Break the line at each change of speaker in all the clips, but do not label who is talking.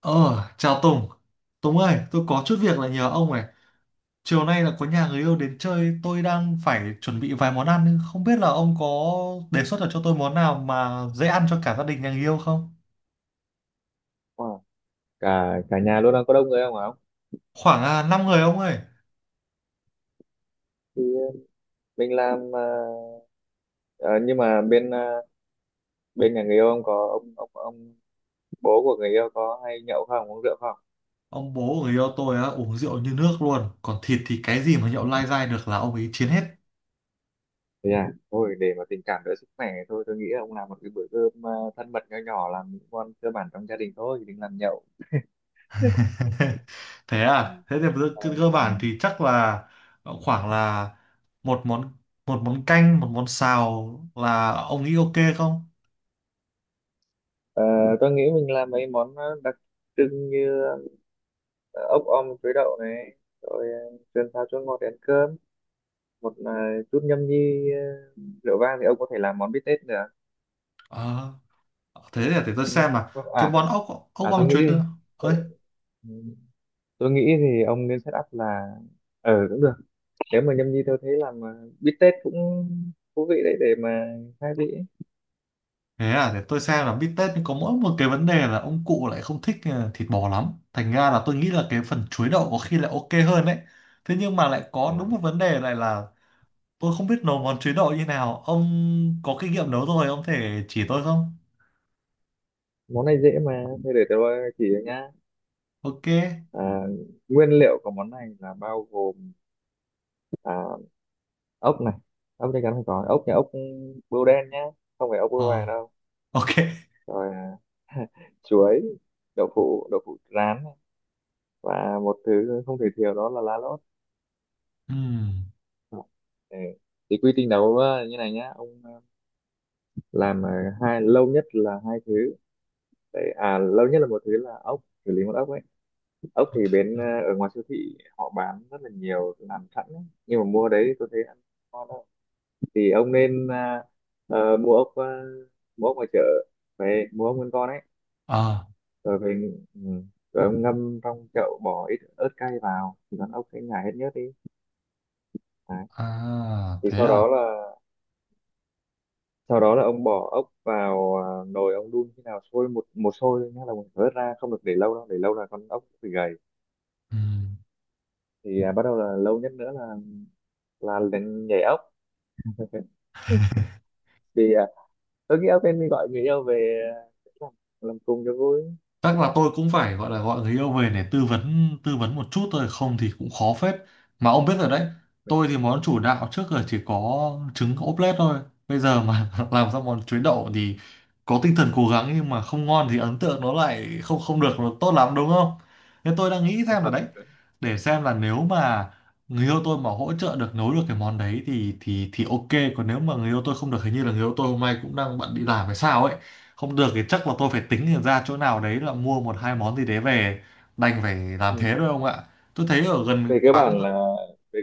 Ờ, chào Tùng. Tùng ơi, tôi có chút việc là nhờ ông này. Chiều nay là có nhà người yêu đến chơi, tôi đang phải chuẩn bị vài món ăn, nhưng không biết là ông có đề xuất được cho tôi món nào mà dễ ăn cho cả gia đình nhà người yêu không?
Wow. cả cả nhà luôn đang có đông người không hả ông?
Khoảng 5 người ông ơi.
thì ờ, mình làm, nhưng mà bên nhà người yêu ông có, ông bố của người yêu có hay nhậu không, uống rượu không?
Ông bố của người yêu tôi á, uống rượu như nước luôn. Còn thịt thì cái gì mà nhậu lai dai được là ông ấy chiến hết.
Thì à Thôi, để mà tình cảm đỡ sức khỏe, thôi tôi nghĩ là ông làm một cái bữa cơm thân mật nho nhỏ, làm những món cơ bản trong gia đình thôi, đừng làm nhậu.
Thế à? Thế thì cơ
Ờ,
cơ- cơ
ừ.
bản thì chắc là khoảng là một món, một món canh, một món xào, là ông nghĩ ok không?
Ờ, tôi nghĩ mình làm mấy món đặc trưng như ờ, ốc om chuối đậu này, rồi sườn xào chua ngọt để ăn cơm, một chút nhâm nhi rượu vang thì ông có thể làm món bít tết nữa.
Ờ, thế thì để tôi
Ừ.
xem là cái
à
món ốc ốc
à tôi
om
nghĩ
chuối nữa ơi.
tôi, tôi nghĩ thì ông nên set up là, ừ, cũng được. Nếu mà nhâm nhi tôi thấy làm bít tết cũng thú vị đấy, để mà khai vị ấy.
Thế à, để tôi xem. Là bít tết, nhưng có mỗi một cái vấn đề là ông cụ lại không thích thịt bò lắm, thành ra là tôi nghĩ là cái phần chuối đậu có khi lại ok hơn đấy. Thế nhưng mà lại có
À,
đúng
đấy.
một vấn đề lại là tôi không biết nấu món chuối đậu như nào. Ông có kinh nghiệm nấu rồi, ông thể chỉ tôi không?
Món này dễ mà, thế để tôi chỉ cho nhá.
Ok.
À, nguyên liệu của món này là bao gồm à, ốc này, ốc chắc chắn phải có ốc, ốc bươu đen nhá, không phải ốc
Ờ,
bươu vàng đâu.
ok.
Rồi à, chuối, đậu phụ rán này, và một thứ không thể thiếu đó là lá lốt.
Ừm,
Ừ. Thì quy trình đấu như này nhá ông, làm ờ, hai lâu nhất là hai thứ đấy. À, lâu nhất là một thứ là ốc, xử lý một ốc ấy. Ốc thì
ok.
ở ngoài siêu thị họ bán rất là nhiều làm sẵn ấy, nhưng mà mua đấy tôi thấy ăn ngon đâu. Thì ông nên, mua ốc, mua ốc ngoài chợ, về mua ốc nguyên con ấy,
À,
rồi về ừ, rồi ông ngâm trong chậu, bỏ ít ớt cay vào thì con ốc sẽ nhả hết nhớt đi. Đấy.
à,
Thì
thế
sau đó
à.
là, sau đó là ông bỏ ốc vào nồi, ông đun khi nào sôi một một sôi thôi nhá, là mình phải vớt ra, không được để lâu đâu, để lâu là con ốc bị gầy.
Ừm.
Thì à, bắt đầu là lâu nhất nữa là lên nhảy ốc. Thì à, tôi nghĩ ốc nên đi gọi người yêu về, à, làm, làm cùng cho vui.
Chắc là tôi cũng phải gọi là gọi người yêu về để tư vấn một chút thôi, không thì cũng khó phết. Mà ông biết rồi đấy, tôi thì món chủ đạo trước giờ chỉ có trứng ốp lết thôi. Bây giờ mà làm ra món chuối đậu thì có tinh thần cố gắng, nhưng mà không ngon thì ấn tượng nó lại không không được nó tốt lắm, đúng không? Nên tôi đang nghĩ xem là
À,
đấy, để xem là nếu mà người yêu tôi mà hỗ trợ được, nấu được cái món đấy thì thì ok. Còn nếu mà người yêu tôi không được, hình như là người yêu tôi hôm nay cũng đang bận đi làm hay sao ấy, không được thì chắc là tôi phải tính ra chỗ nào đấy là mua một hai món gì đấy về, đành phải làm
ừ.
thế thôi ông ạ. Tôi thấy ở gần
Về cơ
quán.
bản là, về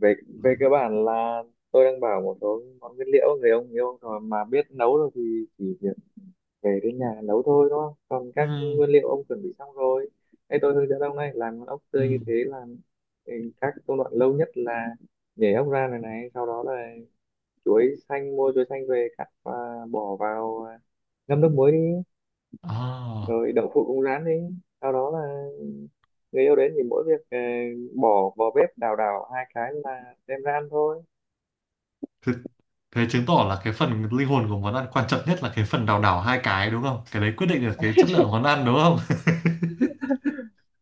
về về cơ bản là tôi đang bảo một số món nguyên liệu người ông yêu rồi mà biết nấu rồi thì chỉ về đến nhà nấu thôi, đúng không, còn
Ừ,
các nguyên liệu ông chuẩn bị xong rồi. Ê, tôi hướng dẫn ông này làm con ốc
ừ.
tươi như thế, làm ừ, các công đoạn lâu nhất là nhảy ốc ra này, sau đó là chuối xanh, mua chuối xanh về cắt và bỏ vào ngâm nước muối đi,
À,
rồi đậu phụ cũng rán đi, sau đó là người yêu đến thì mỗi việc bỏ vào bếp đào đào hai cái là đem ra ăn thôi.
thế, thế chứng tỏ là cái phần linh hồn của món ăn quan trọng nhất là cái phần đào đảo hai cái, đúng không? Cái đấy quyết định được cái chất lượng món ăn, đúng không?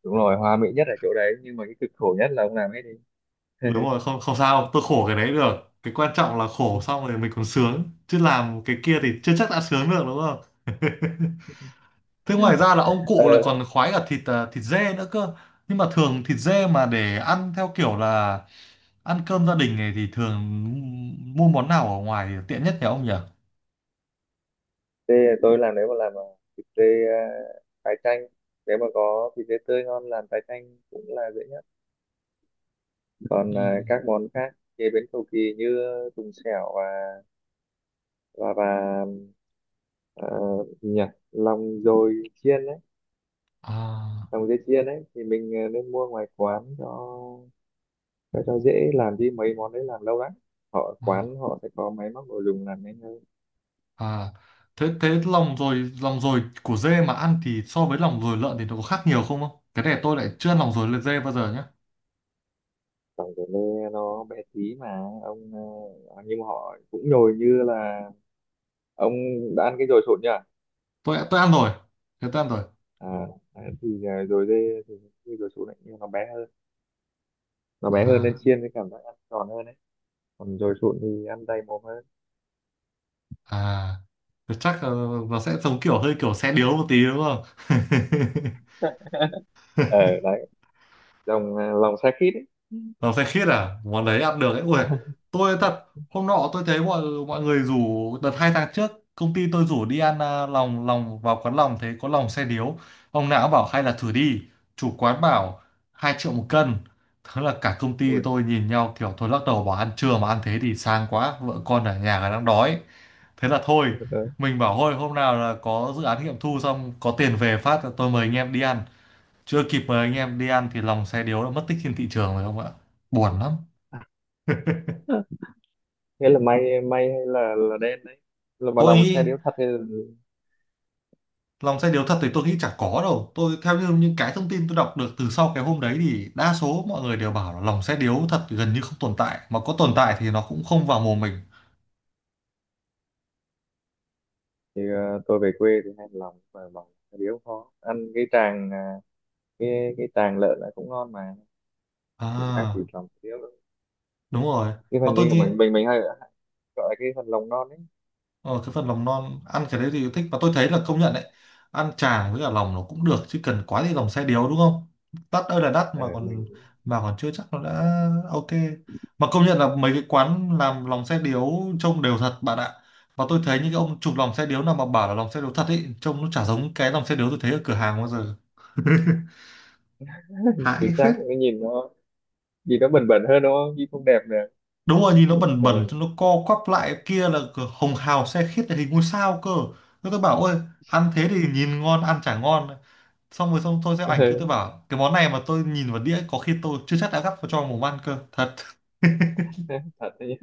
Đúng rồi, hòa mỹ nhất ở chỗ đấy, nhưng mà cái cực khổ nhất là ông làm hết đi.
Đúng rồi, không không sao, tôi khổ cái đấy được, cái quan trọng là khổ xong rồi mình còn sướng, chứ làm cái kia thì chưa chắc đã sướng được, đúng không? Thế ngoài ra là ông cụ lại
ờ
còn khoái cả thịt thịt dê nữa cơ. Nhưng mà thường thịt dê mà để ăn theo kiểu là ăn cơm gia đình này thì thường mua món nào ở ngoài tiện nhất nhỉ ông nhỉ?
thì tôi làm, nếu mà làm thịt dê tái chanh, nếu mà có thịt dê tươi ngon làm tái chanh cũng là dễ nhất.
Ừ.
Còn à, các món khác chế biến cầu kỳ như tùng xẻo và và và à, gì nhỉ, lòng dồi chiên đấy,
À,
lòng dê chiên đấy, thì mình à, nên mua ngoài quán cho cho dễ, làm đi mấy món đấy làm lâu lắm, họ
à,
quán họ sẽ có máy móc đồ dùng làm nhanh hơn.
à. Thế thế lòng rồi của dê mà ăn thì so với lòng rồi lợn thì nó có khác nhiều không không? Cái này tôi lại chưa ăn lòng rồi dê bao giờ nhé.
Lòng dồi lê nó bé tí mà ông, à, nhưng mà họ cũng nhồi như là, ông đã ăn cái dồi sụn nhỉ?
Tôi ăn rồi. Thế tôi ăn rồi.
À, đấy, thì à, rồi dê thì khi dồi sụn ấy, nhưng nó bé hơn, nó bé hơn nên
À
chiên thì cảm giác ăn giòn hơn đấy, còn rồi sụn thì ăn đầy mồm hơn.
à. Thế chắc nó sẽ giống kiểu hơi kiểu xe điếu một tí đúng không?
Ờ đấy, lòng à, lòng xe khít ấy.
Nó phê khiết à? Món đấy ăn được ấy. Ui, tôi thật, hôm nọ tôi thấy mọi mọi người rủ, đợt hai tháng trước, công ty tôi rủ đi ăn lòng, vào quán lòng, thấy có lòng xe điếu. Ông nào cũng bảo hay là thử đi. Chủ quán bảo 2.000.000 một cân. Thế là cả công ty
Ui
tôi nhìn nhau kiểu thôi lắc đầu bảo ăn trưa mà ăn thế thì sang quá, vợ con ở nhà đang đói. Thế là thôi,
đấy.
mình bảo thôi hôm nào là có dự án nghiệm thu xong, có tiền về phát là tôi mời anh em đi ăn. Chưa kịp mời anh em đi ăn thì lòng xe điếu đã mất tích trên thị trường rồi không ạ. Buồn lắm.
Thế là may may hay là đen đấy, là mà
Tôi
lòng
nghĩ
xe điếu thật
lòng xe điếu thật thì tôi nghĩ chả có đâu. Tôi theo như những cái thông tin tôi đọc được từ sau cái hôm đấy thì đa số mọi người đều bảo là lòng xe điếu thật gần như không tồn tại, mà có tồn tại thì nó cũng không vào mồm mình.
thì à, tôi về quê thì hay lòng, mà lòng xe điếu khó ăn, cái tràng à, cái tràng lợn lại cũng ngon mà, cũng khác gì
À
lòng xe điếu đâu.
đúng rồi.
Cái
Và
phần
tôi
như của
nghĩ,
mình hay gọi là cái phần lòng non ấy.
ờ, cái phần lòng non ăn cái đấy thì thích, và tôi thấy là công nhận đấy. Ăn chả với cả lòng nó cũng được, chứ cần quá thì lòng xe điếu đúng không, đắt ơi là đắt,
Ờ mình,
mà còn chưa chắc nó đã ok. Mà công nhận là mấy cái quán làm lòng xe điếu trông đều thật bạn ạ. Và tôi thấy những cái ông chụp lòng xe điếu nào mà bảo là lòng xe điếu thật ấy, trông nó chả giống cái lòng xe điếu tôi thấy ở cửa hàng bao giờ.
chính
Hãi
xác,
phết.
cái nhìn nó gì đó bền bền hơn đúng không, gì không đẹp nè,
Đúng rồi, nhìn nó bẩn
cho
bẩn cho
nên
nó co quắp lại kia, là cửa hồng hào xe khít là hình ngôi sao cơ. Thế tôi bảo ôi, ăn thế thì nhìn ngon ăn chả ngon. Xong rồi, xong tôi sẽ ảnh kia
là-
tôi bảo cái món này mà tôi nhìn vào đĩa có khi tôi chưa chắc đã gắp vào cho vào mồm ăn cơ thật.
thật đấy.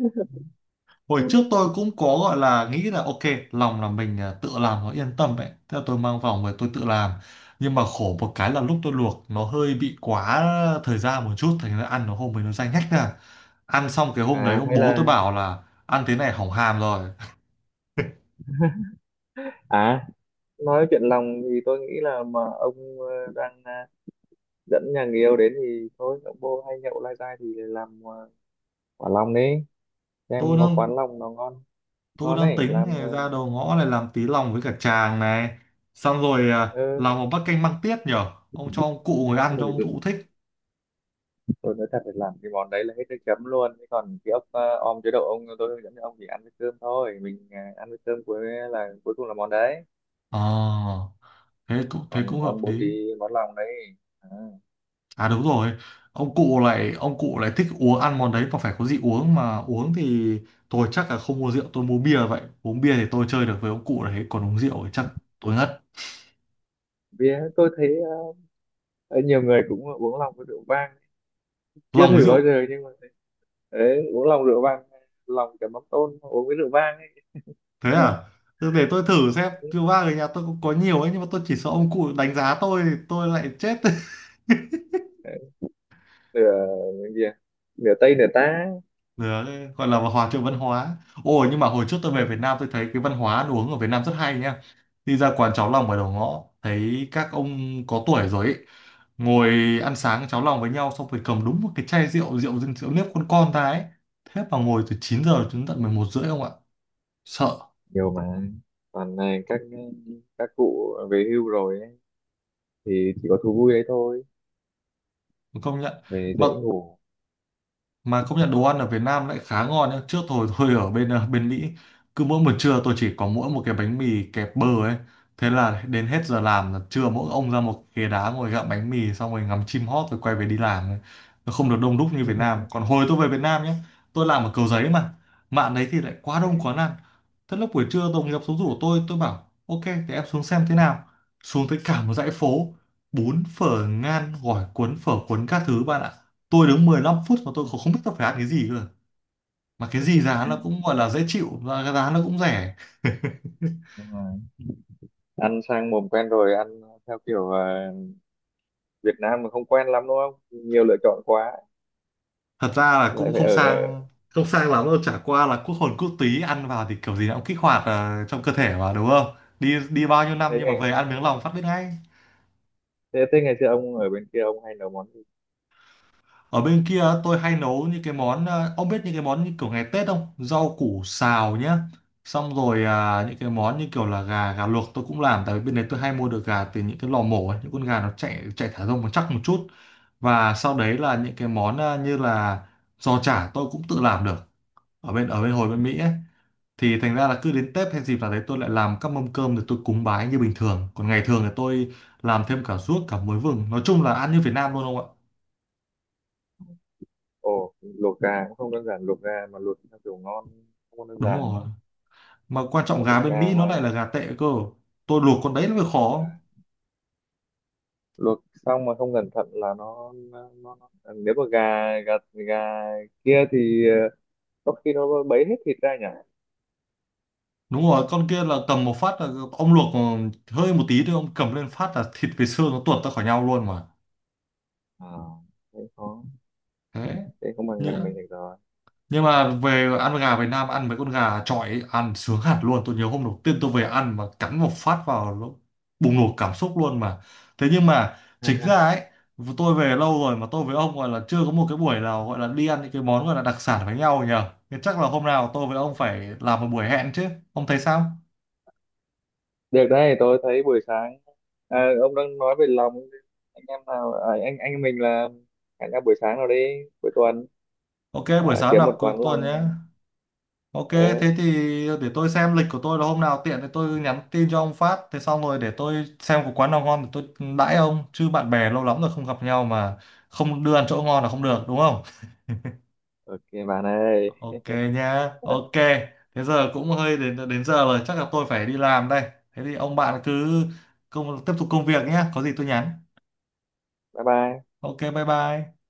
Hồi trước tôi cũng có gọi là nghĩ là ok, lòng là mình tự làm nó yên tâm ấy, thế là tôi mang vòng về tôi tự làm. Nhưng mà khổ một cái là lúc tôi luộc nó hơi bị quá thời gian một chút, thành ra ăn nó hôm ấy nó dai nhách ra. Ăn xong cái hôm đấy
À
ông
hay
bố tôi
là,
bảo là ăn thế này hỏng hàm rồi.
à nói chuyện lòng thì tôi nghĩ là mà ông đang dẫn nhà người yêu đến thì thôi, ông bô hay nhậu lai dai thì làm quả lòng đi,
tôi
xem có
đang
quán lòng nó ngon,
Tôi
ngon
đang
ấy,
tính
làm ờ,
này, ra đầu ngõ này làm tí lòng với cả chàng này. Xong rồi
ừ.
làm một bát canh măng tiết nhở. Ông cho ông cụ ngồi ăn cho
Ui,
ông cụ thích.
tôi nói thật là làm cái món đấy là hết nước chấm luôn. Thế còn cái ốc om chế độ ông, tôi hướng dẫn cho ông chỉ ăn với cơm thôi, mình ăn với cơm, cuối là cuối cùng là món đấy,
Ờ, thế cũng thế
còn
cũng hợp
ông bột
lý.
thì món lòng đấy. À.
À đúng rồi. Ông cụ lại thích uống ăn món đấy, mà phải có gì uống mà uống thì tôi chắc là không mua rượu, tôi mua bia vậy. Uống bia thì tôi chơi được với ông cụ đấy, còn uống rượu thì chắc tôi ngất.
Vì tôi thấy ờ, nhiều người cũng uống lòng với rượu vang, chưa
Lòng với
thử bao
rượu.
giờ nhưng mà, đấy, uống lòng rượu vang, lòng chấm mắm tôm uống với rượu vang ấy.
Thế à? Thế để tôi thử xem, rượu vang ở nhà tôi cũng có nhiều ấy, nhưng mà tôi chỉ sợ ông cụ đánh giá tôi thì tôi lại chết.
Đấy, nửa cái gì à? Nửa tây nửa tá.
Đấy, gọi là hòa trộn văn hóa. Ồ nhưng mà hồi trước tôi về
Ừ.
Việt Nam tôi thấy cái văn hóa ăn uống ở Việt Nam rất hay nha. Đi ra quán cháo lòng ở đầu ngõ thấy các ông có tuổi rồi ấy, ngồi ăn sáng cháo lòng với nhau xong rồi cầm đúng một cái chai rượu nếp con ta ấy. Thế mà ngồi từ 9 giờ đến tận 11 rưỡi không ạ? Sợ,
Nhiều mà, toàn là các cụ về hưu rồi ấy, thì chỉ có thú vui đấy thôi,
công nhận.
về dễ
Mà
ngủ.
mà công nhận đồ ăn ở Việt Nam lại khá ngon nhá. Trước thôi tôi ở bên bên Mỹ, cứ mỗi buổi trưa tôi chỉ có mỗi một cái bánh mì kẹp bơ ấy, thế là đến hết giờ làm là trưa mỗi ông ra một ghế đá ngồi gặm bánh mì xong rồi ngắm chim hót rồi quay về đi làm ấy. Nó không được đông đúc như Việt Nam. Còn hồi tôi về Việt Nam nhé, tôi làm ở Cầu Giấy mà, mạng đấy thì lại quá
Ừ,
đông quá ăn. Thế lúc buổi trưa đồng nghiệp xuống rủ tôi bảo ok thì em xuống xem thế nào. Xuống tới cả một dãy phố, bún phở ngan gỏi cuốn phở cuốn các thứ bạn ạ, tôi đứng 15 phút mà tôi không biết tôi phải ăn cái gì cơ, mà cái gì giá nó cũng gọi là dễ chịu và cái giá nó cũng rẻ.
đúng rồi. Ăn sang mồm quen rồi, ăn theo kiểu Việt Nam mà không quen lắm đúng không, nhiều lựa chọn quá.
Thật ra là
Lại
cũng
phải
không
ở,
sang, không sang lắm đâu, chả qua là quốc hồn quốc túy ăn vào thì kiểu gì nó cũng kích hoạt trong cơ thể mà đúng không. Đi đi bao nhiêu năm
thế
nhưng mà
ngày
về ăn miếng lòng phát biết ngay.
thế ngày xưa ông ở bên kia ông hay nấu món gì?
Ở bên kia tôi hay nấu những cái món ông biết những cái món như kiểu ngày Tết không? Rau củ xào nhá. Xong rồi những cái món như kiểu là gà gà luộc tôi cũng làm, tại vì bên đấy tôi hay mua được gà từ những cái lò mổ ấy, những con gà nó chạy chạy thả rông nó chắc một chút. Và sau đấy là những cái món như là giò chả tôi cũng tự làm được ở bên hồi bên Mỹ ấy. Thì thành ra là cứ đến Tết hay dịp nào đấy tôi lại làm các mâm cơm để tôi cúng bái như bình thường. Còn ngày thường thì tôi làm thêm cả ruốc cả muối vừng. Nói chung là ăn như Việt Nam luôn không ạ?
Ồ, luộc gà cũng không đơn giản, luộc gà mà luộc theo kiểu ngon không đơn
Đúng
giản
rồi.
nữa.
Mà quan trọng
Luộc
gà bên
gà
Mỹ nó
mà
lại là gà tệ cơ, tôi luộc con đấy nó mới khó.
luộc xong mà không cẩn thận là nó- À, nếu mà gà, gà gà kia thì ờ, có khi nó bấy hết thịt ra nhỉ?
Đúng rồi, con kia là cầm một phát là, ông luộc hơi một tí thôi ông cầm lên phát là thịt với xương nó tuột ra khỏi nhau luôn mà.
À, thế khó,
Thế
thế không bằng
nhỉ?
gà mình được rồi.
Nhưng mà về ăn gà Việt Nam ăn mấy con gà chọi ấy, ăn sướng hẳn luôn. Tôi nhớ hôm đầu tiên tôi về ăn mà cắn một phát vào nó bùng nổ cảm xúc luôn mà. Thế nhưng mà chính ra ấy, tôi về lâu rồi mà tôi với ông gọi là chưa có một cái buổi nào gọi là đi ăn những cái món gọi là đặc sản với nhau nhờ. Thế chắc là hôm nào tôi với ông phải làm một buổi hẹn chứ, ông thấy sao?
Được đấy, tôi thấy buổi sáng, à, ông đang nói về lòng, anh em nào, à, anh em mình là hẹn nhau buổi sáng nào đi, cuối tuần,
Ok, buổi
à,
sáng
kiếm
nào
một
cuối
quán
tuần
lòng.
nhé. Ok,
Ờ,
thế thì để tôi xem lịch của tôi là hôm nào tiện thì tôi nhắn tin cho ông phát. Thế xong rồi để tôi xem có quán nào ngon thì tôi đãi ông. Chứ bạn bè lâu lắm rồi không gặp nhau mà không đưa ăn chỗ ngon là không được đúng không?
ok bạn ơi.
Ok nha, ok. Thế giờ cũng hơi đến đến giờ rồi, chắc là tôi phải đi làm đây. Thế thì ông bạn cứ công, tiếp tục công việc nhé, có gì tôi nhắn.
Bye bye.
Ok, bye bye.